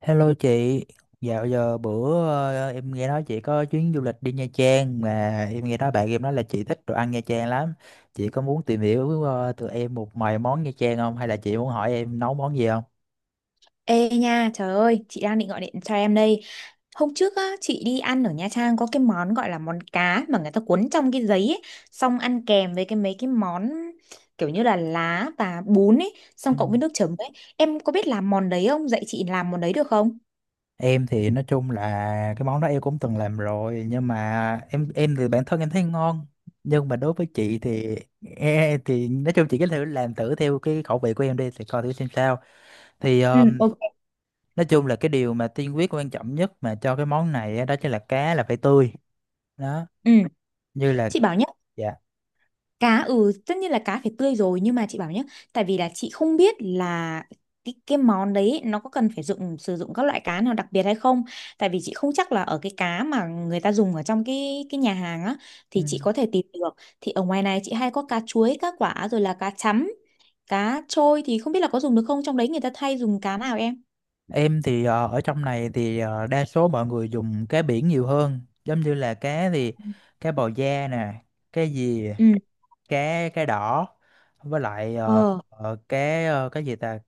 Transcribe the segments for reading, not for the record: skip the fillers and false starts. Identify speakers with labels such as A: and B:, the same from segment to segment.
A: Hello chị, dạo giờ bữa em nghe nói chị có chuyến du lịch đi Nha Trang mà em nghe nói bạn em nói là chị thích đồ ăn Nha Trang lắm. Chị có muốn tìm hiểu từ em một vài món Nha Trang không hay là chị muốn hỏi em nấu món gì không?
B: Ê nha, trời ơi, chị đang định gọi điện cho em đây. Hôm trước á, chị đi ăn ở Nha Trang có cái món gọi là món cá mà người ta cuốn trong cái giấy ấy, xong ăn kèm với cái mấy cái món kiểu như là lá và bún ấy,
A: Ừ.
B: xong cộng với nước chấm ấy. Em có biết làm món đấy không? Dạy chị làm món đấy được không?
A: Em thì nói chung là cái món đó em cũng từng làm rồi nhưng mà em thì bản thân em thấy ngon nhưng mà đối với chị thì thì nói chung chị cứ thử làm thử theo cái khẩu vị của em đi thì coi thử xem sao, thì
B: Ừ, ok.
A: nói chung là cái điều mà tiên quyết quan trọng nhất mà cho cái món này á, đó chính là cá là phải tươi đó,
B: Ừ,
A: như là
B: chị bảo nhá.
A: dạ,
B: Cá, tất nhiên là cá phải tươi rồi, nhưng mà chị bảo nhé. Tại vì là chị không biết là cái món đấy nó có cần phải sử dụng các loại cá nào đặc biệt hay không. Tại vì chị không chắc là ở cái cá mà người ta dùng ở trong cái nhà hàng á
A: ừ.
B: thì chị có thể tìm được. Thì ở ngoài này chị hay có cá chuối, cá quả, rồi là cá chấm, cá trôi, thì không biết là có dùng được không, trong đấy người ta thay dùng cá nào, em?
A: Em thì ở trong này thì đa số mọi người dùng cá biển nhiều hơn, giống như là cá thì cá bào da nè, cá gì,
B: Ừ.
A: cá cá đỏ, với lại
B: Ờ.
A: cá cái gì ta,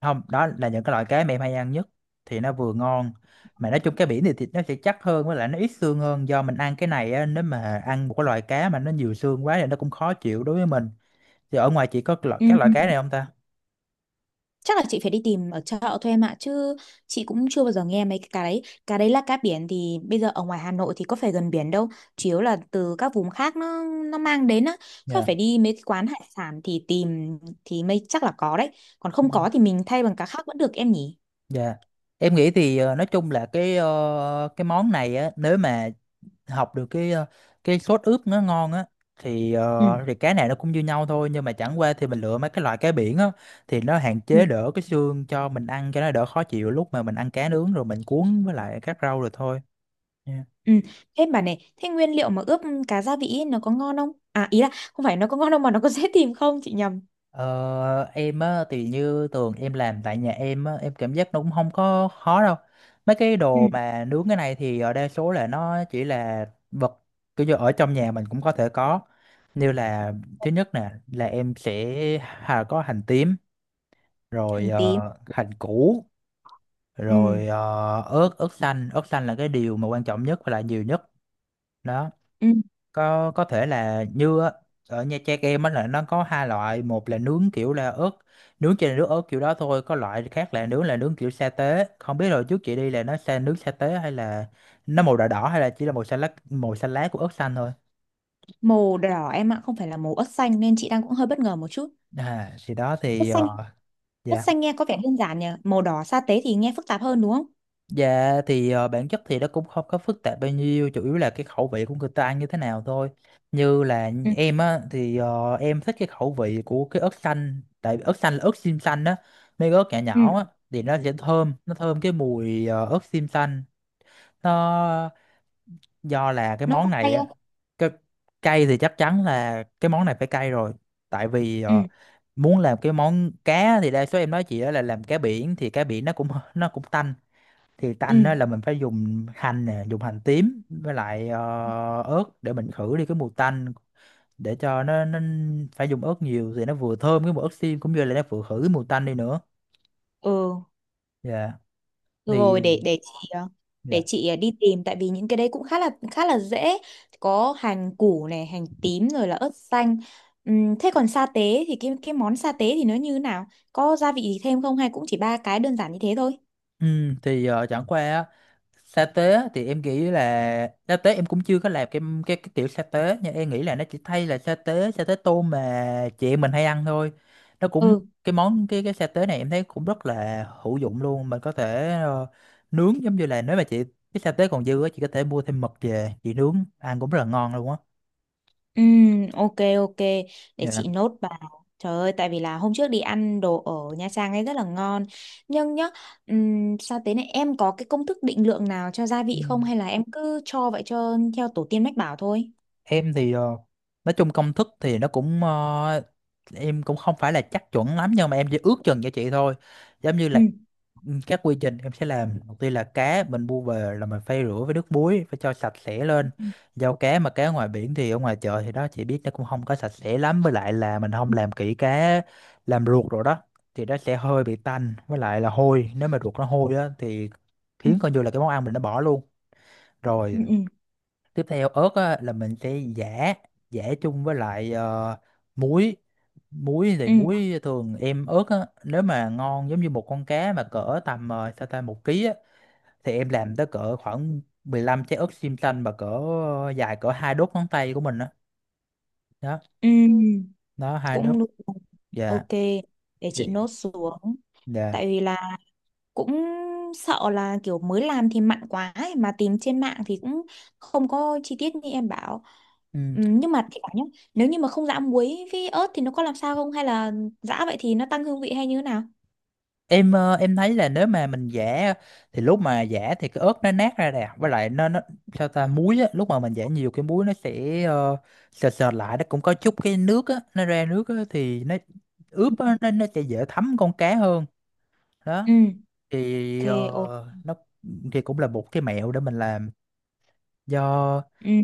A: không, đó là những cái loại cá mà em hay ăn nhất, thì nó vừa ngon mà nói chung cá biển thì thịt nó sẽ chắc hơn với lại nó ít xương hơn, do mình ăn cái này á, nếu mà ăn một cái loại cá mà nó nhiều xương quá thì nó cũng khó chịu đối với mình, thì ở ngoài chị có cái loại
B: Ừ.
A: các loại cá này không ta.
B: Chắc là chị phải đi tìm ở chợ thôi, em ạ. Chứ chị cũng chưa bao giờ nghe mấy cái đấy. Cá đấy là cá biển, thì bây giờ ở ngoài Hà Nội thì có phải gần biển đâu. Chủ yếu là từ các vùng khác nó mang đến á. Chắc
A: Dạ.
B: phải đi mấy cái quán hải sản thì tìm, thì mới chắc là có đấy. Còn
A: Ừ.
B: không có thì mình thay bằng cá khác vẫn được, em nhỉ?
A: Dạ. Em nghĩ thì nói chung là cái cái món này á, nếu mà học được cái cái sốt ướp nó ngon á thì
B: Ừ,
A: thì cá này nó cũng như nhau thôi, nhưng mà chẳng qua thì mình lựa mấy cái loại cá biển á thì nó hạn
B: ừ,
A: chế đỡ cái xương cho mình ăn cho nó đỡ khó chịu, lúc mà mình ăn cá nướng rồi mình cuốn với lại các rau rồi thôi. Nha.
B: ừ. Thế bà này, thế nguyên liệu mà ướp cá gia vị ấy, nó có ngon không? À, ý là không phải nó có ngon đâu mà nó có dễ tìm không, chị nhầm.
A: Ờ, em á thì như tường em làm tại nhà em á em cảm giác nó cũng không có khó đâu, mấy cái
B: Ừ,
A: đồ mà nướng cái này thì ở đa số là nó chỉ là vật, kiểu như ở trong nhà mình cũng có thể có, như là thứ nhất nè là em sẽ có hành tím, rồi
B: hành tím.
A: hành củ,
B: Ừ,
A: rồi ớt ớt xanh, ớt xanh là cái điều mà quan trọng nhất và là nhiều nhất đó,
B: ừ.
A: có thể là như á, ở Nha Trang em á là nó có hai loại, một là nướng kiểu là ớt nướng trên nước ớt kiểu đó thôi, có loại khác là nướng kiểu sa tế, không biết rồi trước chị đi là nó sa nướng sa tế hay là nó màu đỏ đỏ hay là chỉ là màu xanh lá, màu xanh lá của ớt xanh thôi.
B: Màu đỏ em ạ, không phải là màu ớt xanh nên chị đang cũng hơi bất ngờ một chút.
A: À, thì đó
B: Quất
A: thì
B: xanh, quất
A: dạ.
B: xanh nghe có vẻ đơn giản nhỉ, màu đỏ sa tế thì nghe phức tạp hơn đúng không?
A: Dạ thì bản chất thì nó cũng không có phức tạp bao nhiêu, chủ yếu là cái khẩu vị của người ta ăn như thế nào thôi, như là
B: Ừ,
A: em á thì em thích cái khẩu vị của cái ớt xanh tại vì ớt xanh là ớt xiêm xanh á, mấy cái ớt nhỏ
B: ừ.
A: nhỏ á, thì nó sẽ thơm, nó thơm cái mùi ớt xiêm xanh, nó do là cái
B: Nó
A: món
B: có
A: này
B: hay
A: á,
B: không?
A: cái cay thì chắc chắn là cái món này phải cay rồi, tại vì
B: Ừ,
A: muốn làm cái món cá thì đa số em nói chị á là làm cá biển thì cá biển nó cũng nó cũng tanh, thì
B: ừ.
A: tanh á là mình phải dùng hành nè, dùng hành tím với lại ớt để mình khử đi cái mùi tanh, để cho nó phải dùng ớt nhiều thì nó vừa thơm cái mùi ớt xiêm cũng như là nó vừa khử cái mùi tanh đi nữa,
B: Ừ,
A: dạ
B: được rồi,
A: thì
B: để chị ờ, để
A: dạ.
B: chị ờ, đi tìm. Tại vì những cái đấy cũng khá là dễ. Có hành củ này, hành tím, rồi là ớt xanh. Thế còn sa tế thì cái món sa tế thì nó như thế nào? Có gia vị gì thêm không hay cũng chỉ ba cái đơn giản như thế thôi?
A: Ừ, thì chẳng qua á, sa tế á, thì em nghĩ là sa tế em cũng chưa có làm cái cái kiểu sa tế, nhưng em nghĩ là nó chỉ thay là sa tế, sa tế tôm mà chị em mình hay ăn thôi, nó cũng
B: Ừ.
A: cái món cái sa tế này em thấy cũng rất là hữu dụng luôn, mình có thể nướng giống như là nếu mà chị, cái sa tế còn dư á chị có thể mua thêm mực về chị nướng ăn cũng rất là ngon luôn á.
B: Ok, ok, để
A: Dạ.
B: chị nốt vào. Trời ơi, tại vì là hôm trước đi ăn đồ ở Nha Trang ấy rất là ngon. Nhưng nhá, sao thế này, em có cái công thức định lượng nào cho gia
A: Ừ.
B: vị không, hay là em cứ cho vậy, cho theo tổ tiên mách bảo thôi?
A: Em thì nói chung công thức thì nó cũng em cũng không phải là chắc chuẩn lắm nhưng mà em chỉ ước chừng cho chị thôi, giống như
B: Ừ,
A: là ừ, các quy trình em sẽ làm đầu tiên là cá mình mua về là mình phải rửa với nước muối, phải cho sạch sẽ lên, giao cá mà cá ngoài biển thì ở ngoài chợ thì đó chị biết nó cũng không có sạch sẽ lắm, với lại là mình không làm kỹ cá, làm ruột rồi đó, thì nó sẽ hơi bị tanh với lại là hôi, nếu mà ruột nó hôi á thì
B: ừ,
A: khiến coi như là cái món ăn mình nó bỏ luôn
B: ừ,
A: rồi.
B: ừ,
A: Tiếp theo ớt á, là mình sẽ giã, giã chung với lại muối, muối thì
B: ừ,
A: muối thường em, ớt á, nếu mà ngon giống như một con cá mà cỡ tầm sao ta 1 ký á, thì em làm tới cỡ khoảng 15 trái ớt xiêm xanh mà cỡ dài cỡ 2 đốt ngón tay của mình á đó,
B: ừ, ừ,
A: đó 2 đốt,
B: cũng được.
A: dạ,
B: Ok, để
A: dạ,
B: chị nốt xuống.
A: dạ.
B: Tại vì là cũng sợ là kiểu mới làm thì mặn quá ấy, mà tìm trên mạng thì cũng không có chi tiết như em bảo.
A: Ừ.
B: Nhưng mà thì bảo nhá, nếu như mà không giã muối với ớt thì nó có làm sao không, hay là giã vậy thì nó tăng hương vị hay như thế nào?
A: Em em thấy là nếu mà mình giã thì lúc mà giã thì cái ớt nó nát ra nè, với lại nó sao ta muối á lúc mà mình giã nhiều cái muối nó sẽ sệt sệt lại, nó cũng có chút cái nước á, nó ra nước á thì nó ướp á, nó sẽ dễ thấm con cá hơn đó,
B: Ừ, ok,
A: thì
B: ok.
A: nó thì cũng là một cái mẹo để mình làm, do
B: Ừ.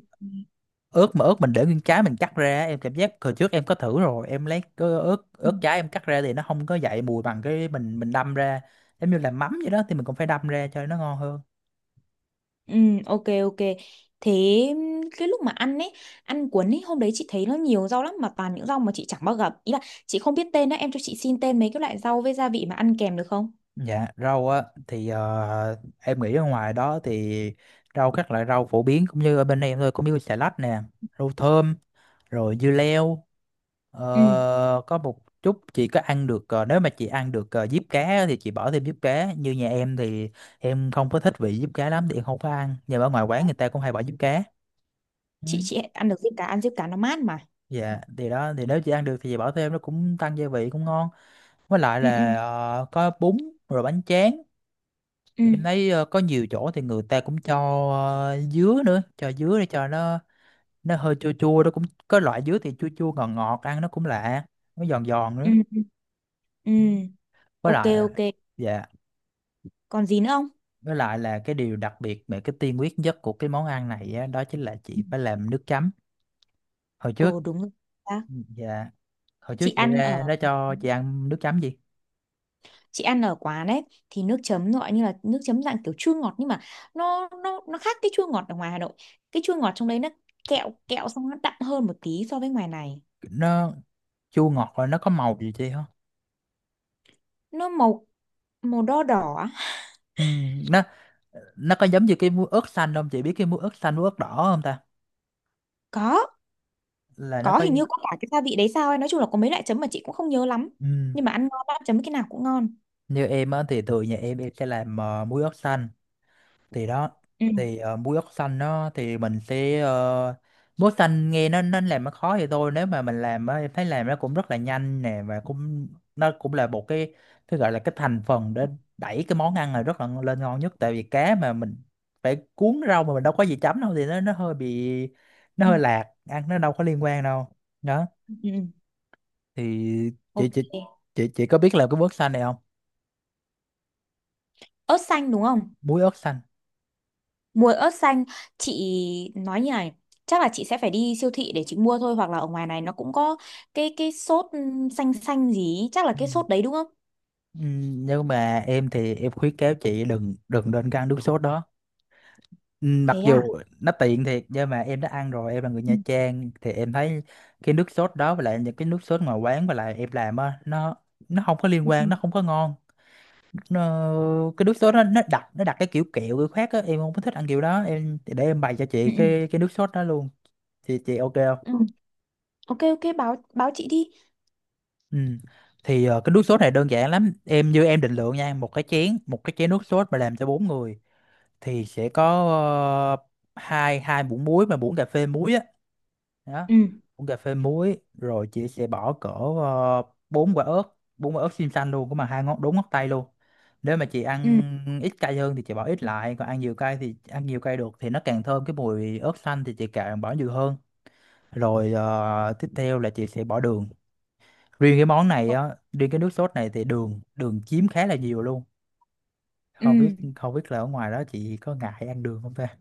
A: ớt mà ớt mình để nguyên trái mình cắt ra em cảm giác hồi trước em có thử rồi, em lấy cái ớt
B: Ừ,
A: ớt trái em cắt ra thì nó không có dậy mùi bằng cái mình đâm ra, giống như là mắm vậy đó thì mình cũng phải đâm ra cho nó ngon hơn.
B: ừ, ok, ok. Thế cái lúc mà ăn ấy, ăn cuốn ấy, hôm đấy chị thấy nó nhiều rau lắm mà toàn những rau mà chị chẳng bao gặp, ý là chị không biết tên đó, em cho chị xin tên mấy cái loại rau với gia vị mà ăn kèm được không?
A: Dạ rau á thì em nghĩ ở ngoài đó thì rau các loại rau phổ biến cũng như ở bên em thôi, cũng như xà lách nè, rau thơm, rồi dưa leo.
B: Ừ.
A: Ờ, có một chút, chị có ăn được nếu mà chị ăn được diếp cá á thì chị bỏ thêm diếp cá, như nhà em thì em không có thích vị diếp cá lắm thì em không có ăn, nhưng mà ở ngoài quán người ta cũng hay bỏ diếp cá. Ừ.
B: Chị ăn được diếp cá, ăn diếp cá nó mát mà.
A: Dạ thì đó thì nếu chị ăn được thì chị bỏ thêm nó cũng tăng gia vị cũng ngon, với lại
B: Ừ, ừ,
A: là có bún, rồi bánh tráng.
B: ừ,
A: Em thấy có nhiều chỗ thì người ta cũng cho dứa nữa, cho dứa để cho nó hơi chua chua, nó cũng có loại dứa thì chua chua ngọt ngọt ăn nó cũng lạ, nó giòn giòn
B: ừ,
A: nữa,
B: ừ, ừ.
A: với
B: Ok,
A: lại
B: ok,
A: dạ.
B: còn gì nữa không?
A: Với lại là cái điều đặc biệt về cái tiên quyết nhất của cái món ăn này á, đó chính là
B: Ừ.
A: chị phải làm nước chấm. Hồi trước
B: Ồ, đúng rồi. À,
A: ừ, dạ, hồi trước
B: chị
A: chị
B: ăn
A: ra
B: ở
A: nó cho chị ăn nước chấm gì?
B: chị ăn ở quán ấy thì nước chấm gọi như là nước chấm dạng kiểu chua ngọt, nhưng mà nó khác cái chua ngọt ở ngoài Hà Nội. Cái chua ngọt trong đấy nó kẹo kẹo, xong nó đậm hơn một tí so với ngoài này.
A: Nó chua ngọt rồi nó có màu gì chị không?
B: Nó màu màu đo đỏ á.
A: Ừ, nó nó có giống như cái muối ớt xanh không? Chị biết cái muối ớt xanh muối ớt đỏ không ta?
B: có
A: Là nó
B: có
A: có
B: hình như có cả cái gia vị đấy sao ấy, nói chung là có mấy loại chấm mà chị cũng không nhớ lắm,
A: ừ,
B: nhưng mà ăn ngon lắm, chấm cái nào cũng ngon.
A: như em á thì thường nhà em sẽ làm muối ớt xanh thì đó
B: Ừ,
A: thì muối ớt xanh nó thì mình sẽ muối xanh nghe nó làm nó khó thì thôi, nếu mà mình làm á em thấy làm nó cũng rất là nhanh nè, và cũng nó cũng là một cái gọi là cái thành phần để đẩy cái món ăn này rất là lên ngon nhất, tại vì cá mà mình phải cuốn rau mà mình đâu có gì chấm đâu thì nó hơi bị, nó
B: ừ,
A: hơi lạc ăn, nó đâu có liên quan đâu. Đó
B: ừ, ừ.
A: thì chị
B: Ok,
A: chị chị có biết làm cái muối ớt xanh này không?
B: ớt xanh đúng không?
A: Muối ớt xanh.
B: Mua ớt xanh, chị nói như này, chắc là chị sẽ phải đi siêu thị để chị mua thôi, hoặc là ở ngoài này nó cũng có cái sốt xanh xanh gì, ý, chắc là cái sốt đấy đúng không?
A: Ừ, nếu mà em thì em khuyến cáo chị đừng đừng nên ăn nước sốt đó. Ừ, mặc
B: Thế à?
A: dù nó tiện thiệt nhưng mà em đã ăn rồi, em là người
B: Ừ,
A: Nha Trang thì em thấy cái nước sốt đó với lại những cái nước sốt ngoài quán với lại em làm á, nó không có
B: ừ,
A: liên
B: ừ,
A: quan, nó không có ngon. Nó, cái nước sốt nó đặc, nó đặc cái kiểu kẹo kiểu khác á, em không có thích ăn kiểu đó, em để em bày cho chị
B: ừ, ừ.
A: cái nước sốt đó luôn. Chị ok không?
B: Ừ. Ok, ok, báo báo chị đi.
A: Ừ. Thì cái nước sốt này đơn giản lắm em, như em định lượng nha, một cái chén, một cái chén nước sốt mà làm cho bốn người thì sẽ có ờ, hai hai muỗng muối, mà muỗng cà phê muối á. Đó,
B: Ừ.
A: muỗng cà phê muối, rồi chị sẽ bỏ cỡ ờ, bốn quả ớt, bốn quả ớt xiêm xanh luôn, cũng mà hai ngón đúng ngón tay luôn. Nếu mà chị
B: Ừ.
A: ăn ít cay hơn thì chị bỏ ít lại, còn ăn nhiều cay thì ăn nhiều cay được, thì nó càng thơm cái mùi ớt xanh thì chị càng bỏ nhiều hơn. Rồi tiếp theo là chị sẽ bỏ đường. Riêng cái món này á, riêng cái nước sốt này thì đường, đường chiếm khá là nhiều luôn. không biết
B: Ừ.
A: không biết là ở ngoài đó chị có ngại ăn đường không ta?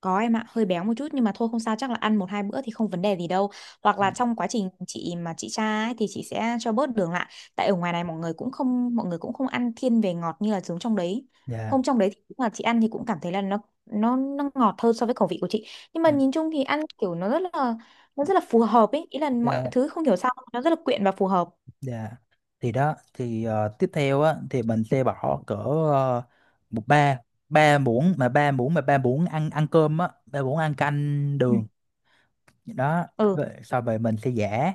B: Có em ạ, hơi béo một chút nhưng mà thôi không sao, chắc là ăn một hai bữa thì không vấn đề gì đâu. Hoặc là trong quá trình chị mà chị tra ấy, thì chị sẽ cho bớt đường lại. Tại ở ngoài này mọi người cũng không ăn thiên về ngọt như là giống trong đấy.
A: Dạ,
B: Hôm trong đấy thì cũng là chị ăn thì cũng cảm thấy là nó ngọt hơn so với khẩu vị của chị. Nhưng mà
A: dạ,
B: nhìn chung thì ăn kiểu nó rất là phù hợp ấy, ý là mọi
A: dạ.
B: thứ không hiểu sao nó rất là quyện và phù hợp.
A: Dạ. Thì đó, thì tiếp theo á, thì mình sẽ bỏ cỡ một ba, ba muỗng, mà ba muỗng ăn, ăn cơm á, ba muỗng ăn canh
B: Ừ.
A: đường. Đó.
B: Ừ.
A: Rồi sau về mình sẽ giã,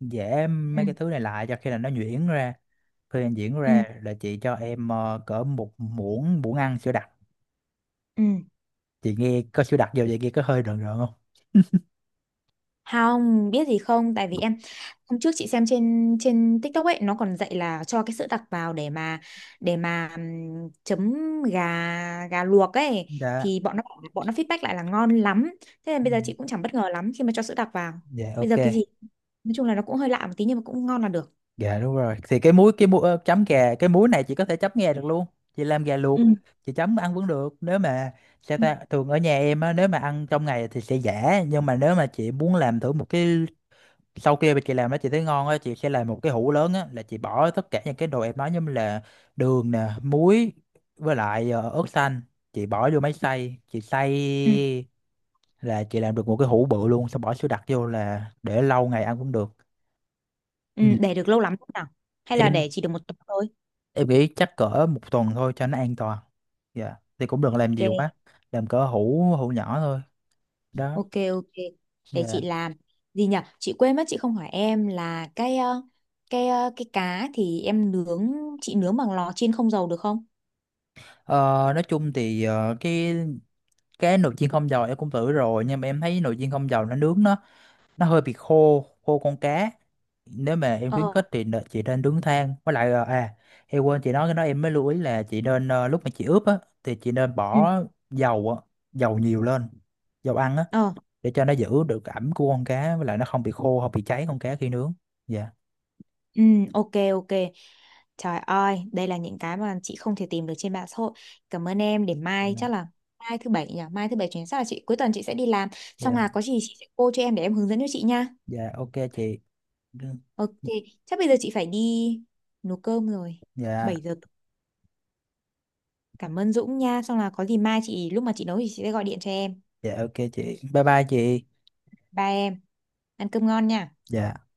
A: giã
B: Ừ.
A: mấy cái thứ này lại cho khi là nó nhuyễn ra, khi nó nhuyễn
B: Ừ.
A: ra là chị cho em cỡ một muỗng, muỗng ăn sữa đặc.
B: Ừ.
A: Chị nghe có sữa đặc vô vậy nghe có hơi rợn rợn không?
B: Không, biết gì không? Tại vì em hôm trước chị xem trên trên TikTok ấy, nó còn dạy là cho cái sữa đặc vào để mà chấm gà gà luộc ấy,
A: Dạ,
B: thì bọn nó feedback lại là ngon lắm. Thế nên
A: ừ.
B: bây giờ chị cũng chẳng bất ngờ lắm khi mà cho sữa đặc vào.
A: Dạ
B: Bây
A: ok.
B: giờ cái gì nói chung là nó cũng hơi lạ một tí nhưng mà cũng ngon là được.
A: Gà đúng rồi. Thì cái muối, cái muối chấm gà, cái muối này chị có thể chấm gà được luôn. Chị làm gà luộc,
B: Ừ.
A: chị chấm ăn vẫn được. Nếu mà sao
B: Ừ,
A: ta, thường ở nhà em á, nếu mà ăn trong ngày thì sẽ giả, nhưng mà nếu mà chị muốn làm thử một cái sau kia mà chị làm nó chị thấy ngon á, chị sẽ làm một cái hũ lớn á, là chị bỏ tất cả những cái đồ em nói như là đường nè, muối với lại ớt xanh, chị bỏ vô máy xay, chị
B: ừ,
A: xay là chị làm được một cái hũ bự luôn, xong bỏ sữa đặc vô là để lâu ngày ăn cũng được.
B: ừ,
A: Ừ.
B: để được lâu lắm không nào? Hay là
A: Em
B: để chỉ được một tuần thôi?
A: em nghĩ chắc cỡ một tuần thôi cho nó an toàn. Dạ thì cũng đừng làm nhiều quá,
B: Ok.
A: làm cỡ hũ hũ nhỏ thôi. Đó.
B: Ok, ok, để chị
A: Dạ.
B: làm gì nhỉ, chị quên mất chị không hỏi em là cái cá thì em nướng, chị nướng bằng lò chiên không dầu được không?
A: Ờ, nói chung thì cái nồi chiên không dầu em cũng thử rồi, nhưng mà em thấy nồi chiên không dầu nó nướng nó hơi bị khô khô con cá. Nếu mà em khuyến
B: Ờ,
A: khích thì nè- chị nên nướng than với lại em quên chị nói cái đó, em mới lưu ý là chị nên lúc mà chị ướp á thì chị nên
B: ừ,
A: bỏ dầu á, dầu nhiều lên, dầu ăn á,
B: ờ,
A: để cho nó giữ được ẩm của con cá, với lại nó không bị khô, không bị cháy con cá khi nướng. Dạ.
B: ừ, ok, ok. Trời ơi, đây là những cái mà chị không thể tìm được trên mạng xã hội. Cảm ơn em, để mai
A: Dạ.
B: chắc là, mai thứ bảy nhỉ, mai thứ bảy chuyến, chắc là chị cuối tuần chị sẽ đi làm, xong
A: Dạ.
B: là có gì chị sẽ cô cho em để em hướng dẫn cho chị nha.
A: Dạ ok chị.
B: Ok, chắc bây giờ chị phải đi nấu cơm rồi.
A: Dạ.
B: 7 giờ. Cảm ơn Dũng nha. Xong là có gì mai chị lúc mà chị nấu thì chị sẽ gọi điện cho em.
A: Dạ ok chị, bye bye chị.
B: Ba em. Ăn cơm ngon nha.
A: Dạ.